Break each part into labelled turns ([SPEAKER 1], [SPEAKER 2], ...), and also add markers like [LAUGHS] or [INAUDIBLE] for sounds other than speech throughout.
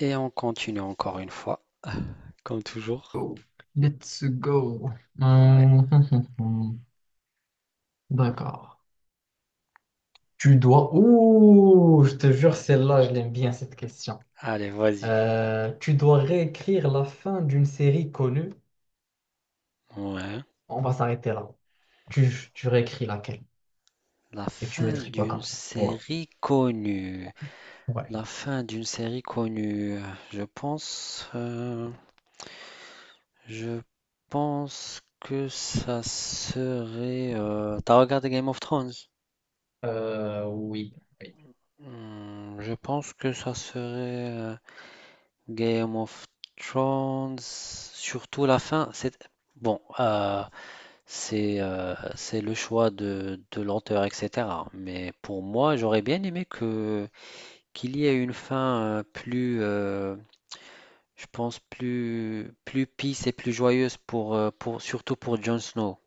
[SPEAKER 1] Et on continue encore une fois, comme toujours.
[SPEAKER 2] Go. Let's go.
[SPEAKER 1] Ouais.
[SPEAKER 2] Hum, hum, hum, hum. D'accord. Tu dois... Ouh, je te jure, celle-là, je l'aime bien, cette question.
[SPEAKER 1] Allez, vas-y.
[SPEAKER 2] Tu dois réécrire la fin d'une série connue.
[SPEAKER 1] Ouais.
[SPEAKER 2] On va s'arrêter là. Tu réécris laquelle?
[SPEAKER 1] La
[SPEAKER 2] Et tu
[SPEAKER 1] fin
[SPEAKER 2] mettrais quoi
[SPEAKER 1] d'une
[SPEAKER 2] comme fin? Ouais.
[SPEAKER 1] série connue.
[SPEAKER 2] Ouais.
[SPEAKER 1] La fin d'une série connue. Je pense, euh, je pense que ça serait. T'as regardé Game of Thrones?
[SPEAKER 2] Oui, oui.
[SPEAKER 1] Je pense que ça serait euh, Game of Thrones. Surtout la fin. C'est bon. C'est le choix de l'auteur, etc. Mais pour moi, j'aurais bien aimé que qu'il y ait une fin plus, je pense, plus peace et plus joyeuse pour surtout pour Jon Snow.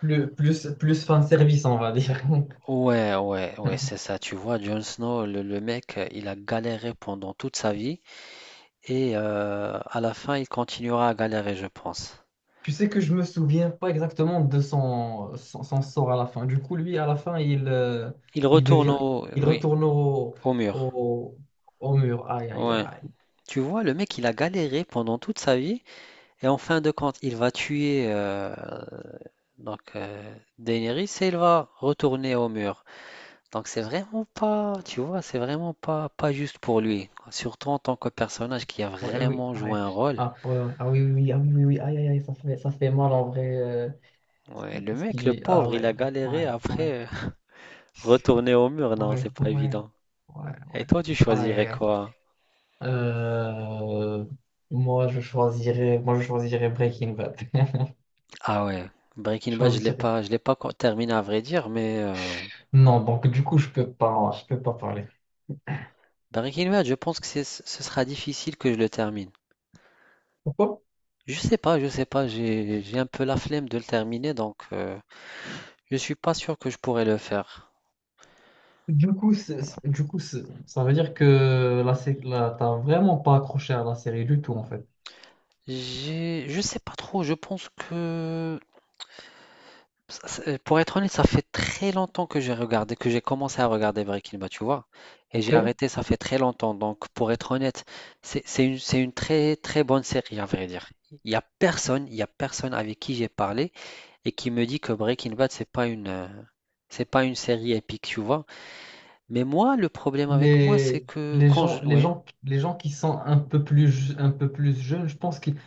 [SPEAKER 2] Plus, plus, plus fan service, on va dire.
[SPEAKER 1] Ouais, ouais, ouais, c'est
[SPEAKER 2] [LAUGHS]
[SPEAKER 1] ça. Tu vois, Jon Snow, le mec, il a galéré pendant toute sa vie et à la fin, il continuera à galérer, je pense.
[SPEAKER 2] Tu sais que je me souviens pas exactement de son, son, son sort à la fin. Du coup, lui, à la fin, il
[SPEAKER 1] Il
[SPEAKER 2] il
[SPEAKER 1] retourne
[SPEAKER 2] devient,
[SPEAKER 1] au,
[SPEAKER 2] il
[SPEAKER 1] oui,
[SPEAKER 2] retourne
[SPEAKER 1] au mur.
[SPEAKER 2] au, au mur. Aïe, aïe,
[SPEAKER 1] Ouais.
[SPEAKER 2] aïe.
[SPEAKER 1] Tu vois, le mec, il a galéré pendant toute sa vie. Et en fin de compte, il va tuer Daenerys et il va retourner au mur. Donc c'est vraiment pas, tu vois, c'est vraiment pas juste pour lui. Surtout en tant que personnage qui a
[SPEAKER 2] Ouais, oui,
[SPEAKER 1] vraiment joué
[SPEAKER 2] ouais.
[SPEAKER 1] un rôle.
[SPEAKER 2] Ah, ouais, ouais. Ah oui, oui, oui, ah oui, oui, oui. Aïe, aïe, aïe, ça fait mal en vrai.
[SPEAKER 1] Ouais, le mec, le
[SPEAKER 2] Ah
[SPEAKER 1] pauvre, il
[SPEAKER 2] ouais,
[SPEAKER 1] a
[SPEAKER 2] ouais,
[SPEAKER 1] galéré
[SPEAKER 2] ouais, ouais,
[SPEAKER 1] après [LAUGHS] retourner au mur. Non,
[SPEAKER 2] ouais,
[SPEAKER 1] c'est pas
[SPEAKER 2] ouais,
[SPEAKER 1] évident.
[SPEAKER 2] ouais,
[SPEAKER 1] Et
[SPEAKER 2] ouais.
[SPEAKER 1] toi, tu
[SPEAKER 2] Aïe, aïe,
[SPEAKER 1] choisirais
[SPEAKER 2] aïe.
[SPEAKER 1] quoi?
[SPEAKER 2] Euh, moi, je choisirais Breaking Bad. [LAUGHS]
[SPEAKER 1] Ah ouais, Breaking
[SPEAKER 2] Je
[SPEAKER 1] Bad, je l'ai
[SPEAKER 2] choisirais
[SPEAKER 1] pas, terminé à vrai dire, mais
[SPEAKER 2] Non, donc du coup, je peux pas parler.
[SPEAKER 1] Breaking Bad, je pense que ce sera difficile que je le termine.
[SPEAKER 2] Pourquoi?
[SPEAKER 1] Je sais pas, j'ai un peu la flemme de le terminer, donc je suis pas sûr que je pourrais le faire.
[SPEAKER 2] Du coup, ça veut dire que la, t'as vraiment pas accroché à la série du tout, en fait.
[SPEAKER 1] J'ai, je sais pas trop, je pense que pour être honnête, ça fait très longtemps que j'ai commencé à regarder Breaking Bad, tu vois, et j'ai
[SPEAKER 2] Ok?
[SPEAKER 1] arrêté, ça fait très longtemps. Donc pour être honnête, c'est une très très bonne série à vrai dire. Il y a personne, il y a personne avec qui j'ai parlé et qui me dit que Breaking Bad c'est pas une série épique, tu vois. Mais moi, le problème avec moi, c'est
[SPEAKER 2] Mais
[SPEAKER 1] que quand je... Oui.
[SPEAKER 2] les gens qui sont un peu plus, un peu plus jeunes, je pense qu'ils,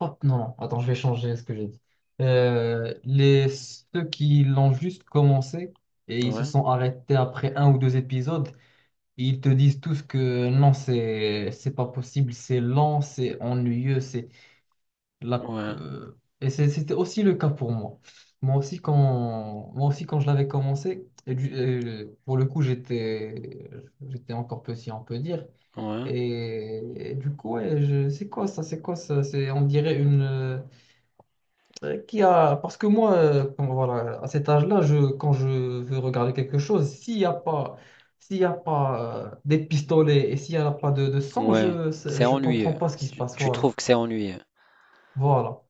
[SPEAKER 2] hop, non, non, attends, je vais changer ce que j'ai dit. Ceux qui l'ont juste commencé et ils se
[SPEAKER 1] Ouais,
[SPEAKER 2] sont arrêtés après un ou deux épisodes, ils te disent tous que non, c'est pas possible, c'est lent, c'est ennuyeux, c'est...
[SPEAKER 1] ouais,
[SPEAKER 2] C'était aussi le cas pour moi. Moi aussi, moi aussi, quand je l'avais commencé, et pour le coup, j'étais, j'étais encore petit, on peut dire.
[SPEAKER 1] ouais,
[SPEAKER 2] Et du coup, ouais, je- c'est quoi ça? C'est quoi ça? C'est, on dirait une. Qui a, parce que moi, quand- voilà, à cet âge-là, je, quand je veux regarder quelque chose, s'il n'y a pas, s'il y a pas des pistolets et s'il n'y a pas de, de sang, je
[SPEAKER 1] ouais. C'est
[SPEAKER 2] ne comprends
[SPEAKER 1] ennuyeux.
[SPEAKER 2] pas ce qui
[SPEAKER 1] Si
[SPEAKER 2] se
[SPEAKER 1] tu,
[SPEAKER 2] passe.
[SPEAKER 1] tu
[SPEAKER 2] Voilà.
[SPEAKER 1] trouves que c'est ennuyeux.
[SPEAKER 2] Voilà.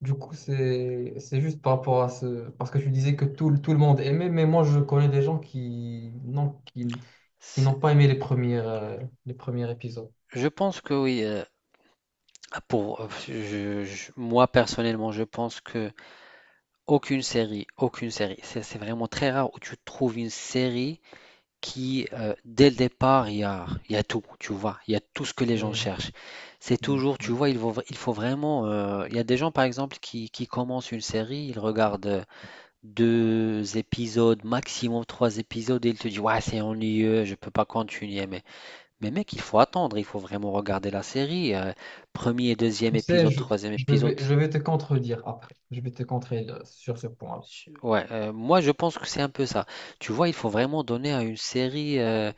[SPEAKER 2] Du coup, c'est juste par rapport à ce... Parce que tu disais que tout, tout le monde aimait, mais moi, je connais des gens qui non, qui n'ont
[SPEAKER 1] C'est-
[SPEAKER 2] pas aimé les premières, les premiers épisodes.
[SPEAKER 1] Je pense que oui. Pour, moi, personnellement, je pense que aucune série, c'est vraiment très rare où tu trouves une série qui, dès le départ, il y a tout, tu vois. Il y a tout ce que les gens
[SPEAKER 2] Mm,
[SPEAKER 1] cherchent. C'est
[SPEAKER 2] mm,
[SPEAKER 1] toujours, tu
[SPEAKER 2] mm.
[SPEAKER 1] vois, il faut vraiment... Il y a des gens, par exemple, qui commencent une série, ils regardent... 2 épisodes, maximum trois épisodes, et il te dit, ouais, c'est ennuyeux, je peux pas continuer. Mais mec, il faut attendre, il faut vraiment regarder la série. Premier, deuxième
[SPEAKER 2] Tu sais,
[SPEAKER 1] épisode, troisième épisode.
[SPEAKER 2] je vais te contredire après. Je vais te contredire sur ce point-là.
[SPEAKER 1] Ouais, moi, je pense que c'est un peu ça. Tu vois, il faut vraiment donner à une série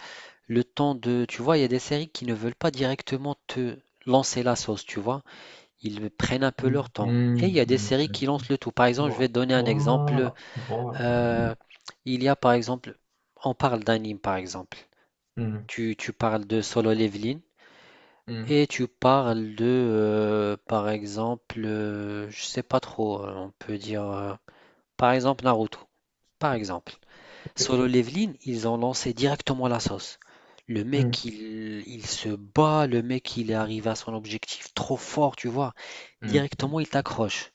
[SPEAKER 1] le temps de. Tu vois, il y a des séries qui ne veulent pas directement te lancer la sauce, tu vois. Ils prennent un peu
[SPEAKER 2] Mm,
[SPEAKER 1] leur temps. Et il y
[SPEAKER 2] mm,
[SPEAKER 1] a des
[SPEAKER 2] mm,
[SPEAKER 1] séries qui
[SPEAKER 2] mm.
[SPEAKER 1] lancent le tout. Par exemple, je vais
[SPEAKER 2] Voilà.
[SPEAKER 1] te donner un exemple.
[SPEAKER 2] Voilà. Voilà.
[SPEAKER 1] Euh, il y a par exemple, on parle d'anime par exemple.
[SPEAKER 2] Mm,
[SPEAKER 1] Tu parles de Solo Leveling
[SPEAKER 2] mm.
[SPEAKER 1] et tu parles de, je sais pas trop, on peut dire, par exemple Naruto. Par exemple,
[SPEAKER 2] Ok.
[SPEAKER 1] Solo Leveling, ils ont lancé directement la sauce. Le
[SPEAKER 2] Mm,
[SPEAKER 1] mec, il se bat, le mec, il est arrivé à son objectif trop fort, tu vois.
[SPEAKER 2] mm, mm,
[SPEAKER 1] Directement, il t'accroche.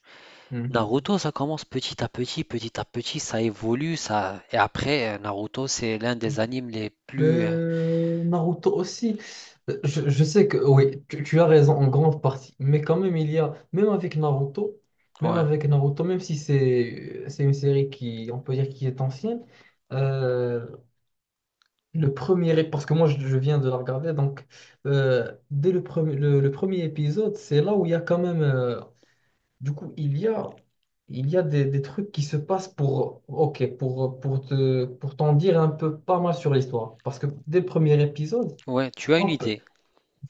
[SPEAKER 2] mm.
[SPEAKER 1] Naruto, ça commence petit à petit, ça évolue, ça. Et après, Naruto, c'est l'un des animes les plus.
[SPEAKER 2] Naruto aussi. Je sais que oui, tu as raison en grande partie, mais quand même il y a, même avec Naruto, même
[SPEAKER 1] Ouais,
[SPEAKER 2] avec Naruto, même si c'est c'est une série qui, on peut dire, qui est ancienne, euh, le premier, parce que je viens de la regarder, donc dès le premier, le premier épisode, c'est là où il y a quand même, du coup, il y a des trucs qui se passent pour, ok, pour te, pour t'en dire un peu pas mal sur l'histoire. Parce que dès le premier épisode,
[SPEAKER 1] ouais, tu as une
[SPEAKER 2] hop,
[SPEAKER 1] idée.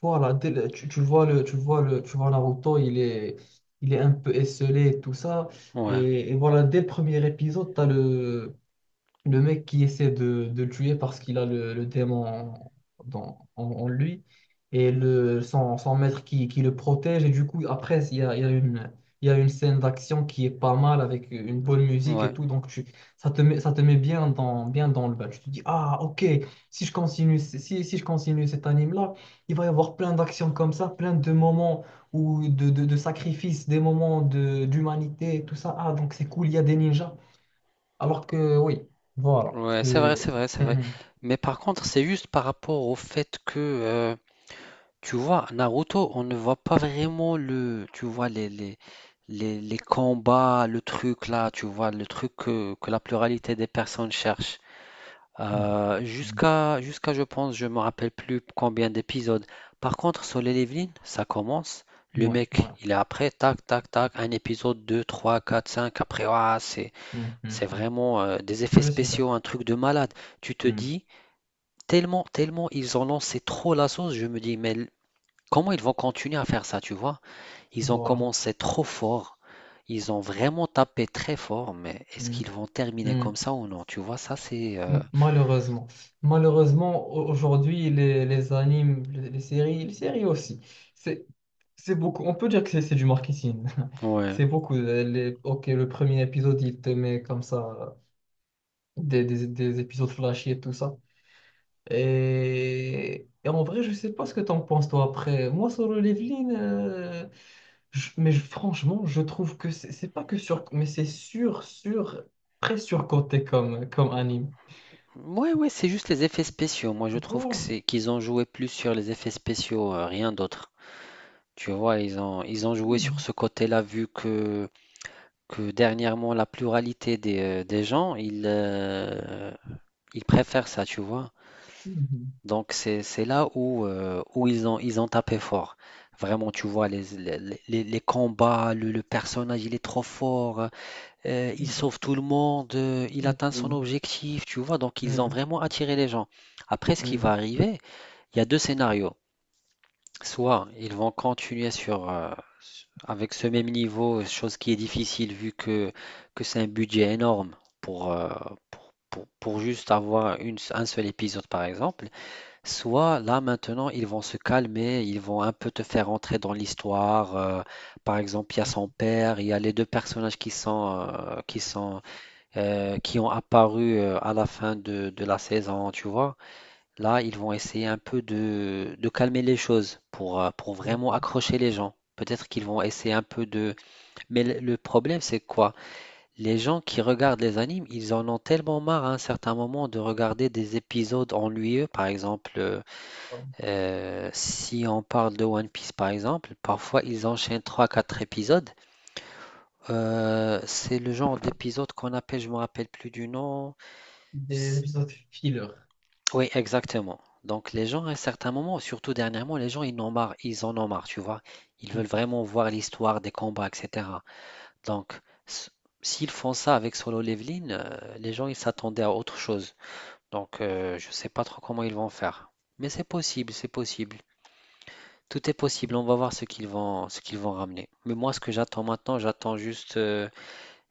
[SPEAKER 2] voilà, tu, tu vois le, tu vois le, tu vois Naruto, il est un peu esselé et tout ça.
[SPEAKER 1] Ouais.
[SPEAKER 2] Et voilà, dès le premier épisode, t'as le mec qui essaie de le tuer parce qu'il a le démon en lui et le, son, son maître qui le protège. Et du coup, après, il y a une scène d'action qui est pas mal avec une bonne musique et
[SPEAKER 1] Ouais,
[SPEAKER 2] tout. Donc, tu, ça te met bien dans le bas. Tu te dis, ah, ok, si je continue, si je continue cet anime-là, il va y avoir plein d'actions comme ça, plein de moments ou de sacrifices, des moments de, d'humanité, et tout ça. Ah, donc c'est cool, il y a des ninjas. Alors que oui, voilà.
[SPEAKER 1] ouais, c'est vrai, c'est
[SPEAKER 2] C'est...
[SPEAKER 1] vrai, c'est vrai.
[SPEAKER 2] Mhm.
[SPEAKER 1] Mais par contre, c'est juste par rapport au fait que, tu vois, Naruto, on ne voit pas vraiment le, tu vois, les combats, le truc là, tu vois, le truc que la pluralité des personnes cherche. Jusqu'à, je pense, je me rappelle plus combien d'épisodes. Par contre, sur les Eveline, ça commence.
[SPEAKER 2] Mhm.
[SPEAKER 1] Le
[SPEAKER 2] Ouais, ouais.
[SPEAKER 1] mec, il est après, tac, tac, tac, un épisode, deux, trois, quatre, cinq, après, ouah, c'est,
[SPEAKER 2] Mhm,
[SPEAKER 1] C'est
[SPEAKER 2] mhm.
[SPEAKER 1] vraiment, des effets
[SPEAKER 2] Moi, je suis
[SPEAKER 1] spéciaux,
[SPEAKER 2] d'accord.
[SPEAKER 1] un truc de malade. Tu te
[SPEAKER 2] Mhm.
[SPEAKER 1] dis tellement ils ont lancé trop la sauce, je me dis: «Mais l comment ils vont continuer à faire ça?» tu vois? Ils ont
[SPEAKER 2] Voilà.
[SPEAKER 1] commencé trop fort, ils ont vraiment tapé très fort, mais est-ce
[SPEAKER 2] Mhm.
[SPEAKER 1] qu'ils vont terminer comme
[SPEAKER 2] Mhm.
[SPEAKER 1] ça ou non? Tu vois? Ça c'est,
[SPEAKER 2] Malheureusement. Malheureusement, aujourd'hui, les animes, les séries aussi, c'est, c'est beaucoup. On peut dire que c'est du marketing. [LAUGHS]
[SPEAKER 1] ouais.
[SPEAKER 2] C'est beaucoup. Les, ok, le premier épisode, il te met comme ça, des épisodes flashy et tout ça. Et en vrai, je sais pas ce que t'en penses toi après. Moi, solo leveling, mais je- franchement, je trouve que c'est pas que sur, mais c'est sur, sur, très surcoté comme, comme anime.
[SPEAKER 1] Ouais, ouais, c'est juste les effets spéciaux. Moi je trouve que
[SPEAKER 2] Voilà.
[SPEAKER 1] c'est qu'ils ont joué plus sur les effets spéciaux, rien d'autre. Tu vois? Ils ont joué sur
[SPEAKER 2] Hmm.
[SPEAKER 1] ce côté-là vu que dernièrement, la pluralité des gens, ils préfèrent ça, tu vois.
[SPEAKER 2] Hmm.
[SPEAKER 1] Donc, c'est là où, ils ont tapé fort. Vraiment, tu vois, les combats, le personnage, il est trop fort, il sauve tout le monde, il
[SPEAKER 2] Hmm.
[SPEAKER 1] atteint son
[SPEAKER 2] Hmm.
[SPEAKER 1] objectif, tu vois. Donc, ils ont
[SPEAKER 2] Hmm.
[SPEAKER 1] vraiment attiré les gens. Après, ce qui va
[SPEAKER 2] Hmm.
[SPEAKER 1] arriver, il y a deux scénarios. Soit ils vont continuer sur, avec ce même niveau, chose qui est difficile vu que c'est un budget énorme pour, pour juste avoir une un seul épisode par exemple. Soit là maintenant ils vont se calmer, ils vont un peu te faire entrer dans l'histoire, par exemple il y a son père, il y a les 2 personnages qui sont, qui ont apparu, à la fin de la saison, tu vois? Là, ils vont essayer un peu de calmer les choses pour vraiment accrocher les gens. Peut-être qu'ils vont essayer un peu de... Mais le problème, c'est quoi? Les gens qui regardent les animes, ils en ont tellement marre à un certain moment de regarder des épisodes ennuyeux.
[SPEAKER 2] Hmm.
[SPEAKER 1] Si on parle de One Piece, par exemple, parfois ils enchaînent trois quatre épisodes. C'est le genre d'épisode qu'on appelle, je me rappelle plus du nom.
[SPEAKER 2] Des épisodes filler.
[SPEAKER 1] Oui, exactement. Donc les gens, à un certain moment, surtout dernièrement, les gens, ils en ont marre, ils en ont marre, tu vois. Ils veulent vraiment voir l'histoire des combats, etc. Donc, s- s'ils font ça avec Solo Leveling, les gens, ils s'attendaient à autre chose. Donc, je sais pas trop comment ils vont faire. Mais c'est possible, c'est possible. Tout est possible, on va voir ce qu'ils vont ramener. Mais moi, ce que j'attends maintenant, j'attends juste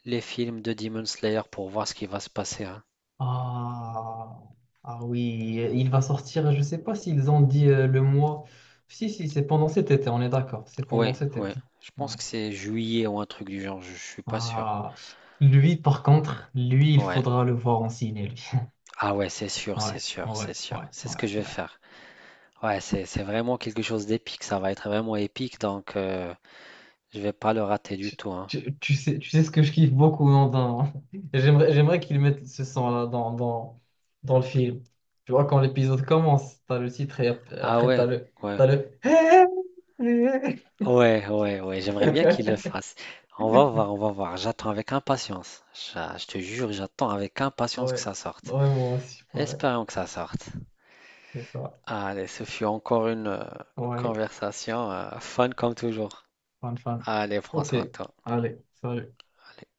[SPEAKER 1] les films de Demon Slayer pour voir ce qui va se passer, hein.
[SPEAKER 2] Ah, ah oui, il va sortir, je sais pas s'ils ont dit le mois. Si, si, c'est pendant cet été, on est d'accord, c'est pendant
[SPEAKER 1] Oui,
[SPEAKER 2] cet
[SPEAKER 1] oui.
[SPEAKER 2] été.
[SPEAKER 1] Je pense
[SPEAKER 2] Ouais.
[SPEAKER 1] que c'est juillet ou un truc du genre, je suis pas sûr.
[SPEAKER 2] Ah, lui, par contre, lui, il
[SPEAKER 1] Ouais.
[SPEAKER 2] faudra le voir en ciné, lui.
[SPEAKER 1] Ah ouais, c'est sûr, c'est
[SPEAKER 2] Ouais,
[SPEAKER 1] sûr, c'est
[SPEAKER 2] ouais,
[SPEAKER 1] sûr.
[SPEAKER 2] ouais,
[SPEAKER 1] C'est ce
[SPEAKER 2] ouais,
[SPEAKER 1] que je vais
[SPEAKER 2] ouais.
[SPEAKER 1] faire. Ouais, c'est vraiment quelque chose d'épique. Ça va être vraiment épique, donc je vais pas le rater du
[SPEAKER 2] Je-
[SPEAKER 1] tout, hein.
[SPEAKER 2] Tu, tu sais ce que je kiffe beaucoup non, dans... [LAUGHS] J'aimerais, j'aimerais qu'ils mettent ce son-là dans, dans, dans le film. Tu vois, quand l'épisode commence, t'as le titre et
[SPEAKER 1] Ah
[SPEAKER 2] après
[SPEAKER 1] ouais,
[SPEAKER 2] t'as le...
[SPEAKER 1] ouais,
[SPEAKER 2] T'as le... [LAUGHS]
[SPEAKER 1] ouais, ouais, ouais. J'aimerais bien qu'il le
[SPEAKER 2] Ouais,
[SPEAKER 1] fasse. On va voir, on va voir. J'attends avec impatience. Je te jure, j'attends avec impatience que
[SPEAKER 2] ouais,
[SPEAKER 1] ça sorte.
[SPEAKER 2] moi aussi, ouais,
[SPEAKER 1] Espérons que ça sorte.
[SPEAKER 2] c'est ça.
[SPEAKER 1] Allez, ce fut encore une
[SPEAKER 2] Ouais,
[SPEAKER 1] conversation fun comme toujours.
[SPEAKER 2] fun, fun.
[SPEAKER 1] Allez,
[SPEAKER 2] Ok,
[SPEAKER 1] François, à toi.
[SPEAKER 2] allez, salut.
[SPEAKER 1] Allez.